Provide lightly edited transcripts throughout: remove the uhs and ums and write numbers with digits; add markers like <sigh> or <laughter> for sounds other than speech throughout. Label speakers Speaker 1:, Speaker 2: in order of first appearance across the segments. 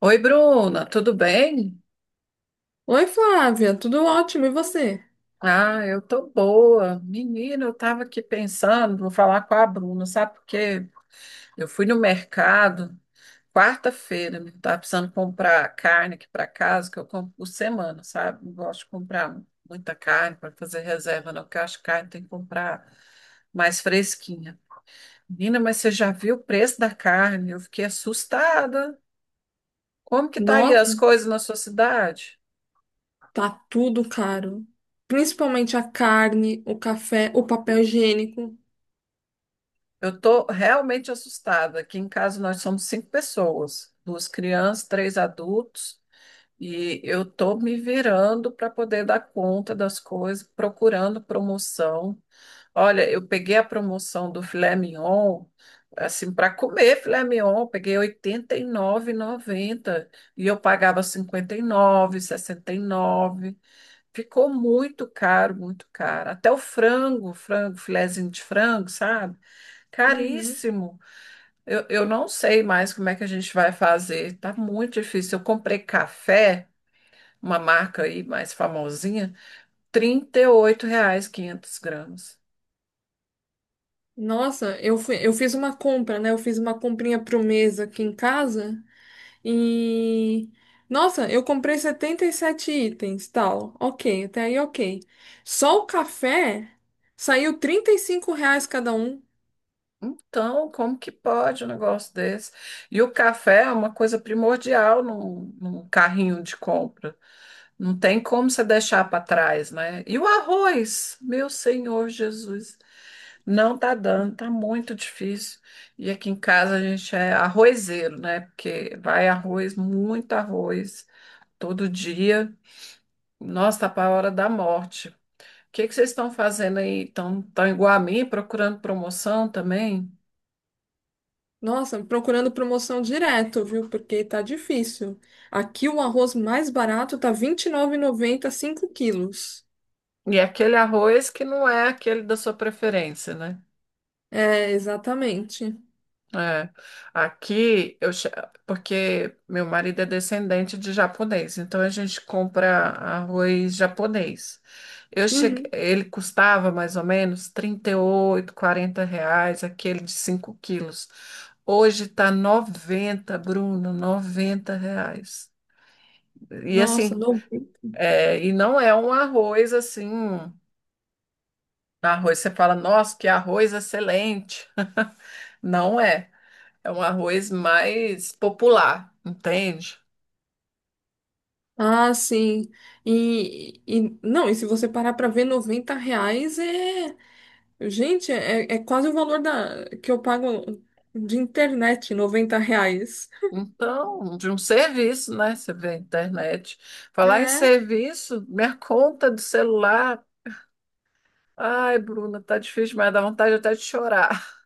Speaker 1: Oi, Bruna, tudo bem?
Speaker 2: Oi, Flávia, tudo ótimo, e você?
Speaker 1: Ah, eu tô boa. Menina, eu tava aqui pensando, vou falar com a Bruna, sabe por quê? Eu fui no mercado quarta-feira, né? Tava precisando comprar carne aqui para casa, que eu compro por semana, sabe? Não gosto de comprar muita carne para fazer reserva, não, porque eu acho que carne tem que comprar mais fresquinha. Menina, mas você já viu o preço da carne? Eu fiquei assustada. Como que tá aí as
Speaker 2: Nossa,
Speaker 1: coisas na sua cidade?
Speaker 2: tá tudo caro. Principalmente a carne, o café, o papel higiênico.
Speaker 1: Eu tô realmente assustada. Aqui em casa nós somos cinco pessoas, duas crianças, três adultos, e eu tô me virando para poder dar conta das coisas, procurando promoção. Olha, eu peguei a promoção do filé mignon, assim, para comer filé mignon, eu peguei R$ 89,90 e noventa e eu pagava R$ 59,69. Ficou muito caro, muito caro. Até o frango, frango, filezinho de frango, sabe?
Speaker 2: Uhum.
Speaker 1: Caríssimo. Eu não sei mais como é que a gente vai fazer. Tá muito difícil. Eu comprei café, uma marca aí mais famosinha, R$ 38 500 gramas.
Speaker 2: Nossa, eu fiz uma compra, né? Eu fiz uma comprinha pro mês aqui em casa e nossa, eu comprei 77 itens, tal. Ok, até aí ok. Só o café saiu R$ 35 cada um.
Speaker 1: Então, como que pode um negócio desse? E o café é uma coisa primordial num carrinho de compra. Não tem como você deixar para trás, né? E o arroz, meu Senhor Jesus, não tá dando, tá muito difícil. E aqui em casa a gente é arrozeiro, né? Porque vai arroz, muito arroz, todo dia. Nossa, tá para a hora da morte. O que que vocês estão fazendo aí? Estão tão igual a mim, procurando promoção também?
Speaker 2: Nossa, procurando promoção direto, viu? Porque tá difícil. Aqui o arroz mais barato tá R$ 29,90, 5 quilos.
Speaker 1: E aquele arroz que não é aquele da sua preferência, né?
Speaker 2: É, exatamente.
Speaker 1: É, aqui eu che- porque meu marido é descendente de japonês, então a gente compra arroz japonês. Eu cheguei,
Speaker 2: Uhum.
Speaker 1: ele custava mais ou menos 38 40 reais, aquele de 5 quilos. Hoje tá noventa, Bruno, R$ 90. E assim,
Speaker 2: Nossa, não.
Speaker 1: e não é um arroz assim, arroz, você fala, nossa, que arroz excelente. <laughs> Não é. É um arroz mais popular, entende?
Speaker 2: Ah, sim. E não, e se você parar para ver, R$ 90 é. Gente, é quase o valor que eu pago de internet, R$ 90.
Speaker 1: Então, de um serviço, né? Você vê a internet. Falar em
Speaker 2: É.
Speaker 1: serviço, minha conta do celular. Ai, Bruna, tá difícil, mas dá vontade até de chorar.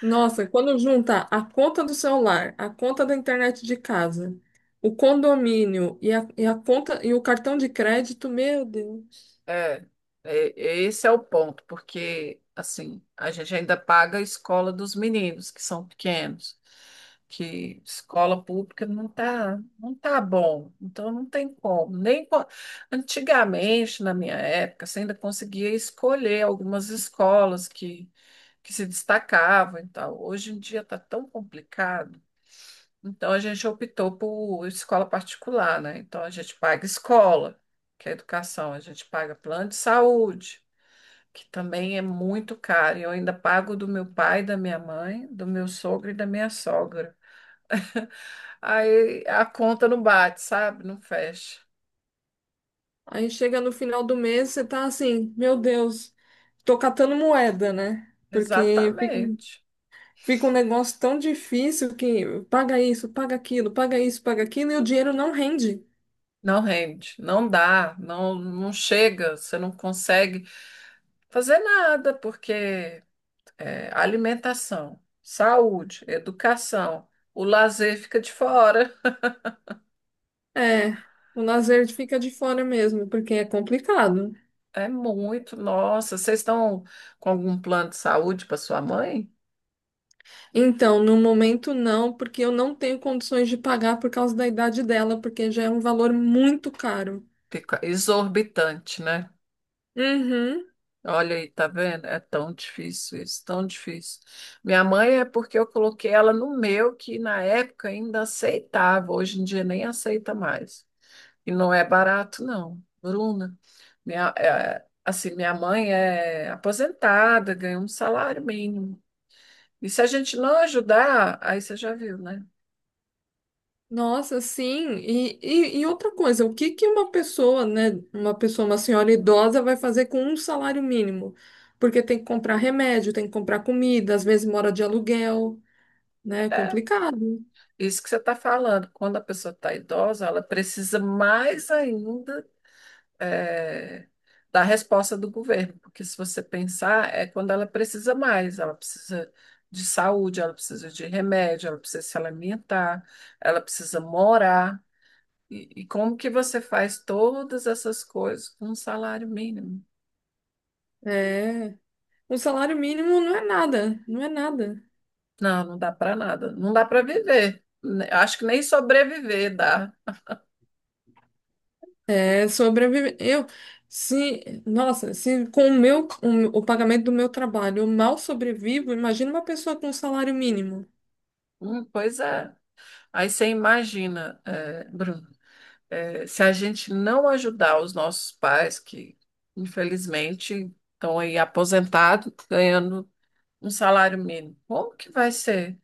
Speaker 2: Nossa, quando junta a conta do celular, a conta da internet de casa, o condomínio e a conta e o cartão de crédito, meu Deus.
Speaker 1: É, esse é o ponto, porque assim, a gente ainda paga a escola dos meninos que são pequenos, que escola pública não tá bom, então não tem como. Nem co- Antigamente, na minha época, você ainda conseguia escolher algumas escolas que se destacavam e tal. Hoje em dia está tão complicado, então a gente optou por escola particular, né? Então a gente paga escola, que é educação, a gente paga plano de saúde, que também é muito caro. E eu ainda pago do meu pai, da minha mãe, do meu sogro e da minha sogra. <laughs> Aí a conta não bate, sabe? Não fecha.
Speaker 2: Aí chega no final do mês, você tá assim, meu Deus, tô catando moeda, né? Porque fica,
Speaker 1: Exatamente.
Speaker 2: fica um negócio tão difícil que paga isso, paga aquilo, paga isso, paga aquilo, e o dinheiro não rende.
Speaker 1: Não rende, não dá, não, não chega, você não consegue fazer nada, porque é, alimentação, saúde, educação, o lazer fica de fora.
Speaker 2: É, o lazer fica de fora mesmo, porque é complicado.
Speaker 1: É muito, nossa, vocês estão com algum plano de saúde para sua mãe?
Speaker 2: Então, no momento não, porque eu não tenho condições de pagar por causa da idade dela, porque já é um valor muito caro.
Speaker 1: Fica exorbitante, né?
Speaker 2: Uhum.
Speaker 1: Olha aí, tá vendo? É tão difícil isso, tão difícil. Minha mãe é porque eu coloquei ela no meu, que na época ainda aceitava, hoje em dia nem aceita mais. E não é barato, não, Bruna. Minha mãe é aposentada, ganha um salário mínimo. E se a gente não ajudar, aí você já viu, né?
Speaker 2: Nossa, sim. E outra coisa, o que que uma pessoa, né, uma pessoa, uma senhora idosa vai fazer com um salário mínimo? Porque tem que comprar remédio, tem que comprar comida, às vezes mora de aluguel, né? É
Speaker 1: É
Speaker 2: complicado.
Speaker 1: isso que você está falando. Quando a pessoa está idosa, ela precisa mais ainda, é, da resposta do governo. Porque se você pensar, é quando ela precisa mais. Ela precisa de saúde, ela precisa de remédio, ela precisa se alimentar, ela precisa morar. E como que você faz todas essas coisas com um salário mínimo?
Speaker 2: É. Um salário mínimo não é nada, não é nada.
Speaker 1: Não, não dá para nada. Não dá para viver. Acho que nem sobreviver dá.
Speaker 2: É sobreviver. Eu, se, nossa, se com o meu, o pagamento do meu trabalho eu mal sobrevivo, imagina uma pessoa com um salário mínimo.
Speaker 1: Pois é. Aí você imagina, é, Bruno, é, se a gente não ajudar os nossos pais, que infelizmente estão aí aposentados, ganhando um salário mínimo, como que vai ser?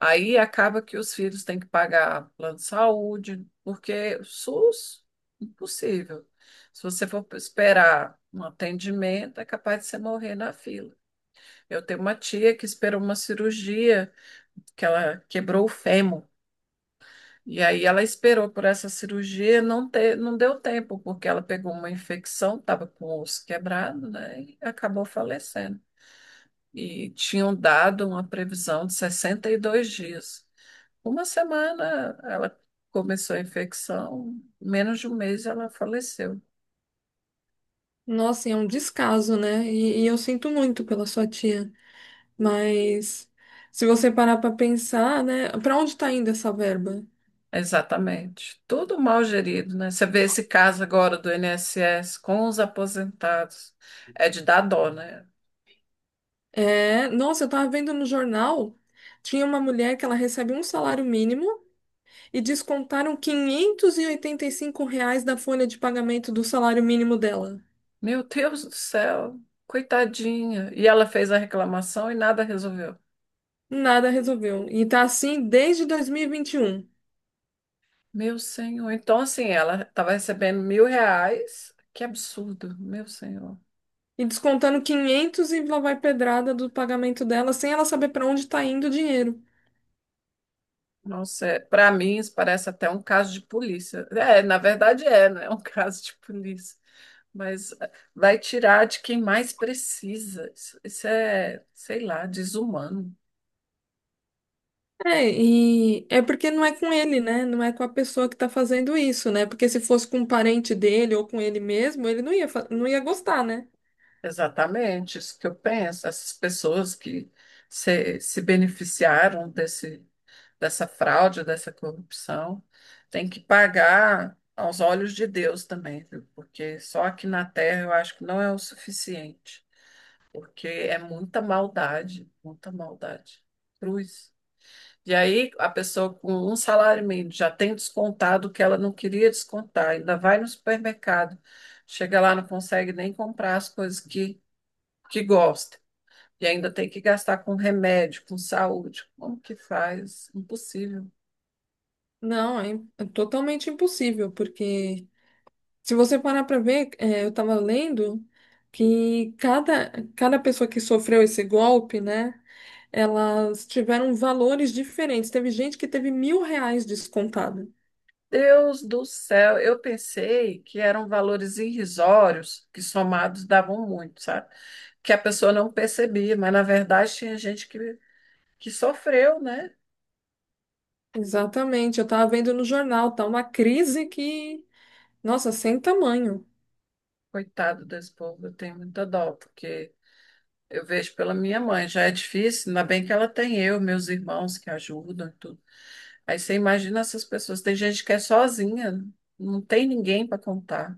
Speaker 1: Aí acaba que os filhos têm que pagar plano de saúde, porque o SUS, impossível. Se você for esperar um atendimento, é capaz de você morrer na fila. Eu tenho uma tia que esperou uma cirurgia, que ela quebrou o fêmur. E aí ela esperou por essa cirurgia, não, não deu tempo, porque ela pegou uma infecção, estava com o osso quebrado, né? E acabou falecendo. E tinham dado uma previsão de 62 dias. Uma semana ela começou a infecção, menos de um mês ela faleceu.
Speaker 2: Nossa, e é um descaso, né? E eu sinto muito pela sua tia. Mas se você parar para pensar, né, para onde tá indo essa verba?
Speaker 1: Exatamente. Tudo mal gerido, né? Você vê esse caso agora do INSS com os aposentados. É de dar dó, né?
Speaker 2: É, nossa, eu tava vendo no jornal, tinha uma mulher que ela recebe um salário mínimo e descontaram quinhentos e oitenta e cinco reais da folha de pagamento do salário mínimo dela.
Speaker 1: Meu Deus do céu, coitadinha. E ela fez a reclamação e nada resolveu.
Speaker 2: Nada resolveu. E tá assim desde 2021. E 21.
Speaker 1: Meu senhor. Então, assim, ela estava recebendo R$ 1.000. Que absurdo, meu senhor.
Speaker 2: E descontando 500 e lá vai pedrada do pagamento dela, sem ela saber para onde tá indo o dinheiro.
Speaker 1: Nossa, é, para mim isso parece até um caso de polícia. É, na verdade é, né? <laughs> É um caso de polícia. Mas é, vai tirar de quem mais precisa. Isso é, sei lá, desumano.
Speaker 2: É, e é porque não é com ele, né? Não é com a pessoa que tá fazendo isso, né? Porque se fosse com um parente dele ou com ele mesmo, ele não ia, não ia gostar, né?
Speaker 1: Exatamente, isso que eu penso. Essas pessoas que se beneficiaram desse, dessa fraude, dessa corrupção, têm que pagar aos olhos de Deus também, viu? Porque só aqui na Terra eu acho que não é o suficiente. Porque é muita maldade, muita maldade. Cruz. E aí a pessoa com um salário mínimo já tem descontado o que ela não queria descontar, ainda vai no supermercado, chega lá, não consegue nem comprar as coisas que gosta. E ainda tem que gastar com remédio, com saúde. Como que faz? Impossível.
Speaker 2: Não, é, é totalmente impossível, porque se você parar pra ver, é, eu tava lendo que cada pessoa que sofreu esse golpe, né? Elas tiveram valores diferentes. Teve gente que teve R$ 1.000 descontado.
Speaker 1: Deus do céu, eu pensei que eram valores irrisórios, que somados davam muito, sabe? Que a pessoa não percebia, mas na verdade tinha gente que sofreu, né?
Speaker 2: Exatamente, eu estava vendo no jornal, tá uma crise que, nossa, sem tamanho.
Speaker 1: Coitado desse povo, eu tenho muita dó, porque eu vejo pela minha mãe, já é difícil, ainda bem que ela tem eu, meus irmãos que ajudam e tudo. Aí você imagina essas pessoas, tem gente que é sozinha, não tem ninguém para contar,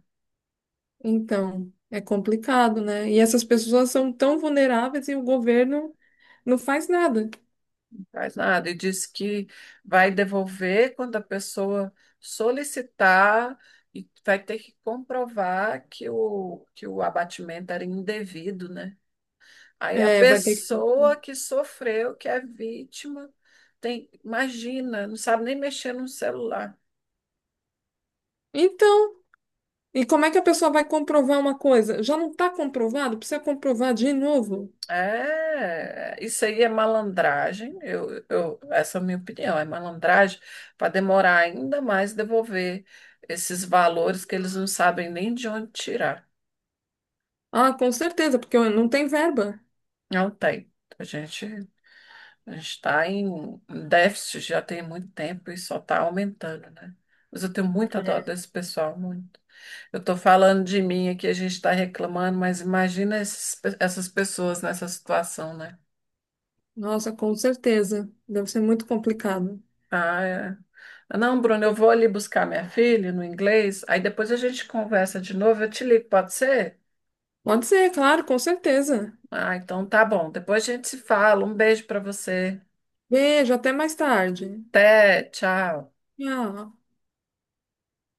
Speaker 2: Então, é complicado, né? E essas pessoas são tão vulneráveis e o governo não faz nada.
Speaker 1: não faz nada, e diz que vai devolver quando a pessoa solicitar e vai ter que comprovar que o abatimento era indevido, né? Aí a
Speaker 2: É, vai ter que...
Speaker 1: pessoa que sofreu, que é vítima, tem, imagina, não sabe nem mexer no celular.
Speaker 2: Então, e como é que a pessoa vai comprovar uma coisa? Já não está comprovado? Precisa comprovar de novo?
Speaker 1: É, isso aí é malandragem. Essa é a minha opinião, é malandragem para demorar ainda mais devolver esses valores que eles não sabem nem de onde tirar.
Speaker 2: Ah, com certeza, porque não tem verba.
Speaker 1: Não tem. A gente a está em déficit já tem muito tempo e só está aumentando, né? Mas eu tenho muita dó
Speaker 2: É.
Speaker 1: desse pessoal, muito. Eu estou falando de mim aqui, a gente está reclamando, mas imagina essas pessoas nessa situação, né?
Speaker 2: Nossa, com certeza. Deve ser muito complicado.
Speaker 1: Ah, é. Ah, não, Bruno, eu vou ali buscar minha filha no inglês, aí depois a gente conversa de novo, eu te ligo, pode ser?
Speaker 2: Pode ser, claro, com certeza.
Speaker 1: Ah, então tá bom. Depois a gente se fala. Um beijo para você.
Speaker 2: Beijo, até mais tarde.
Speaker 1: Até, tchau.
Speaker 2: Tchau.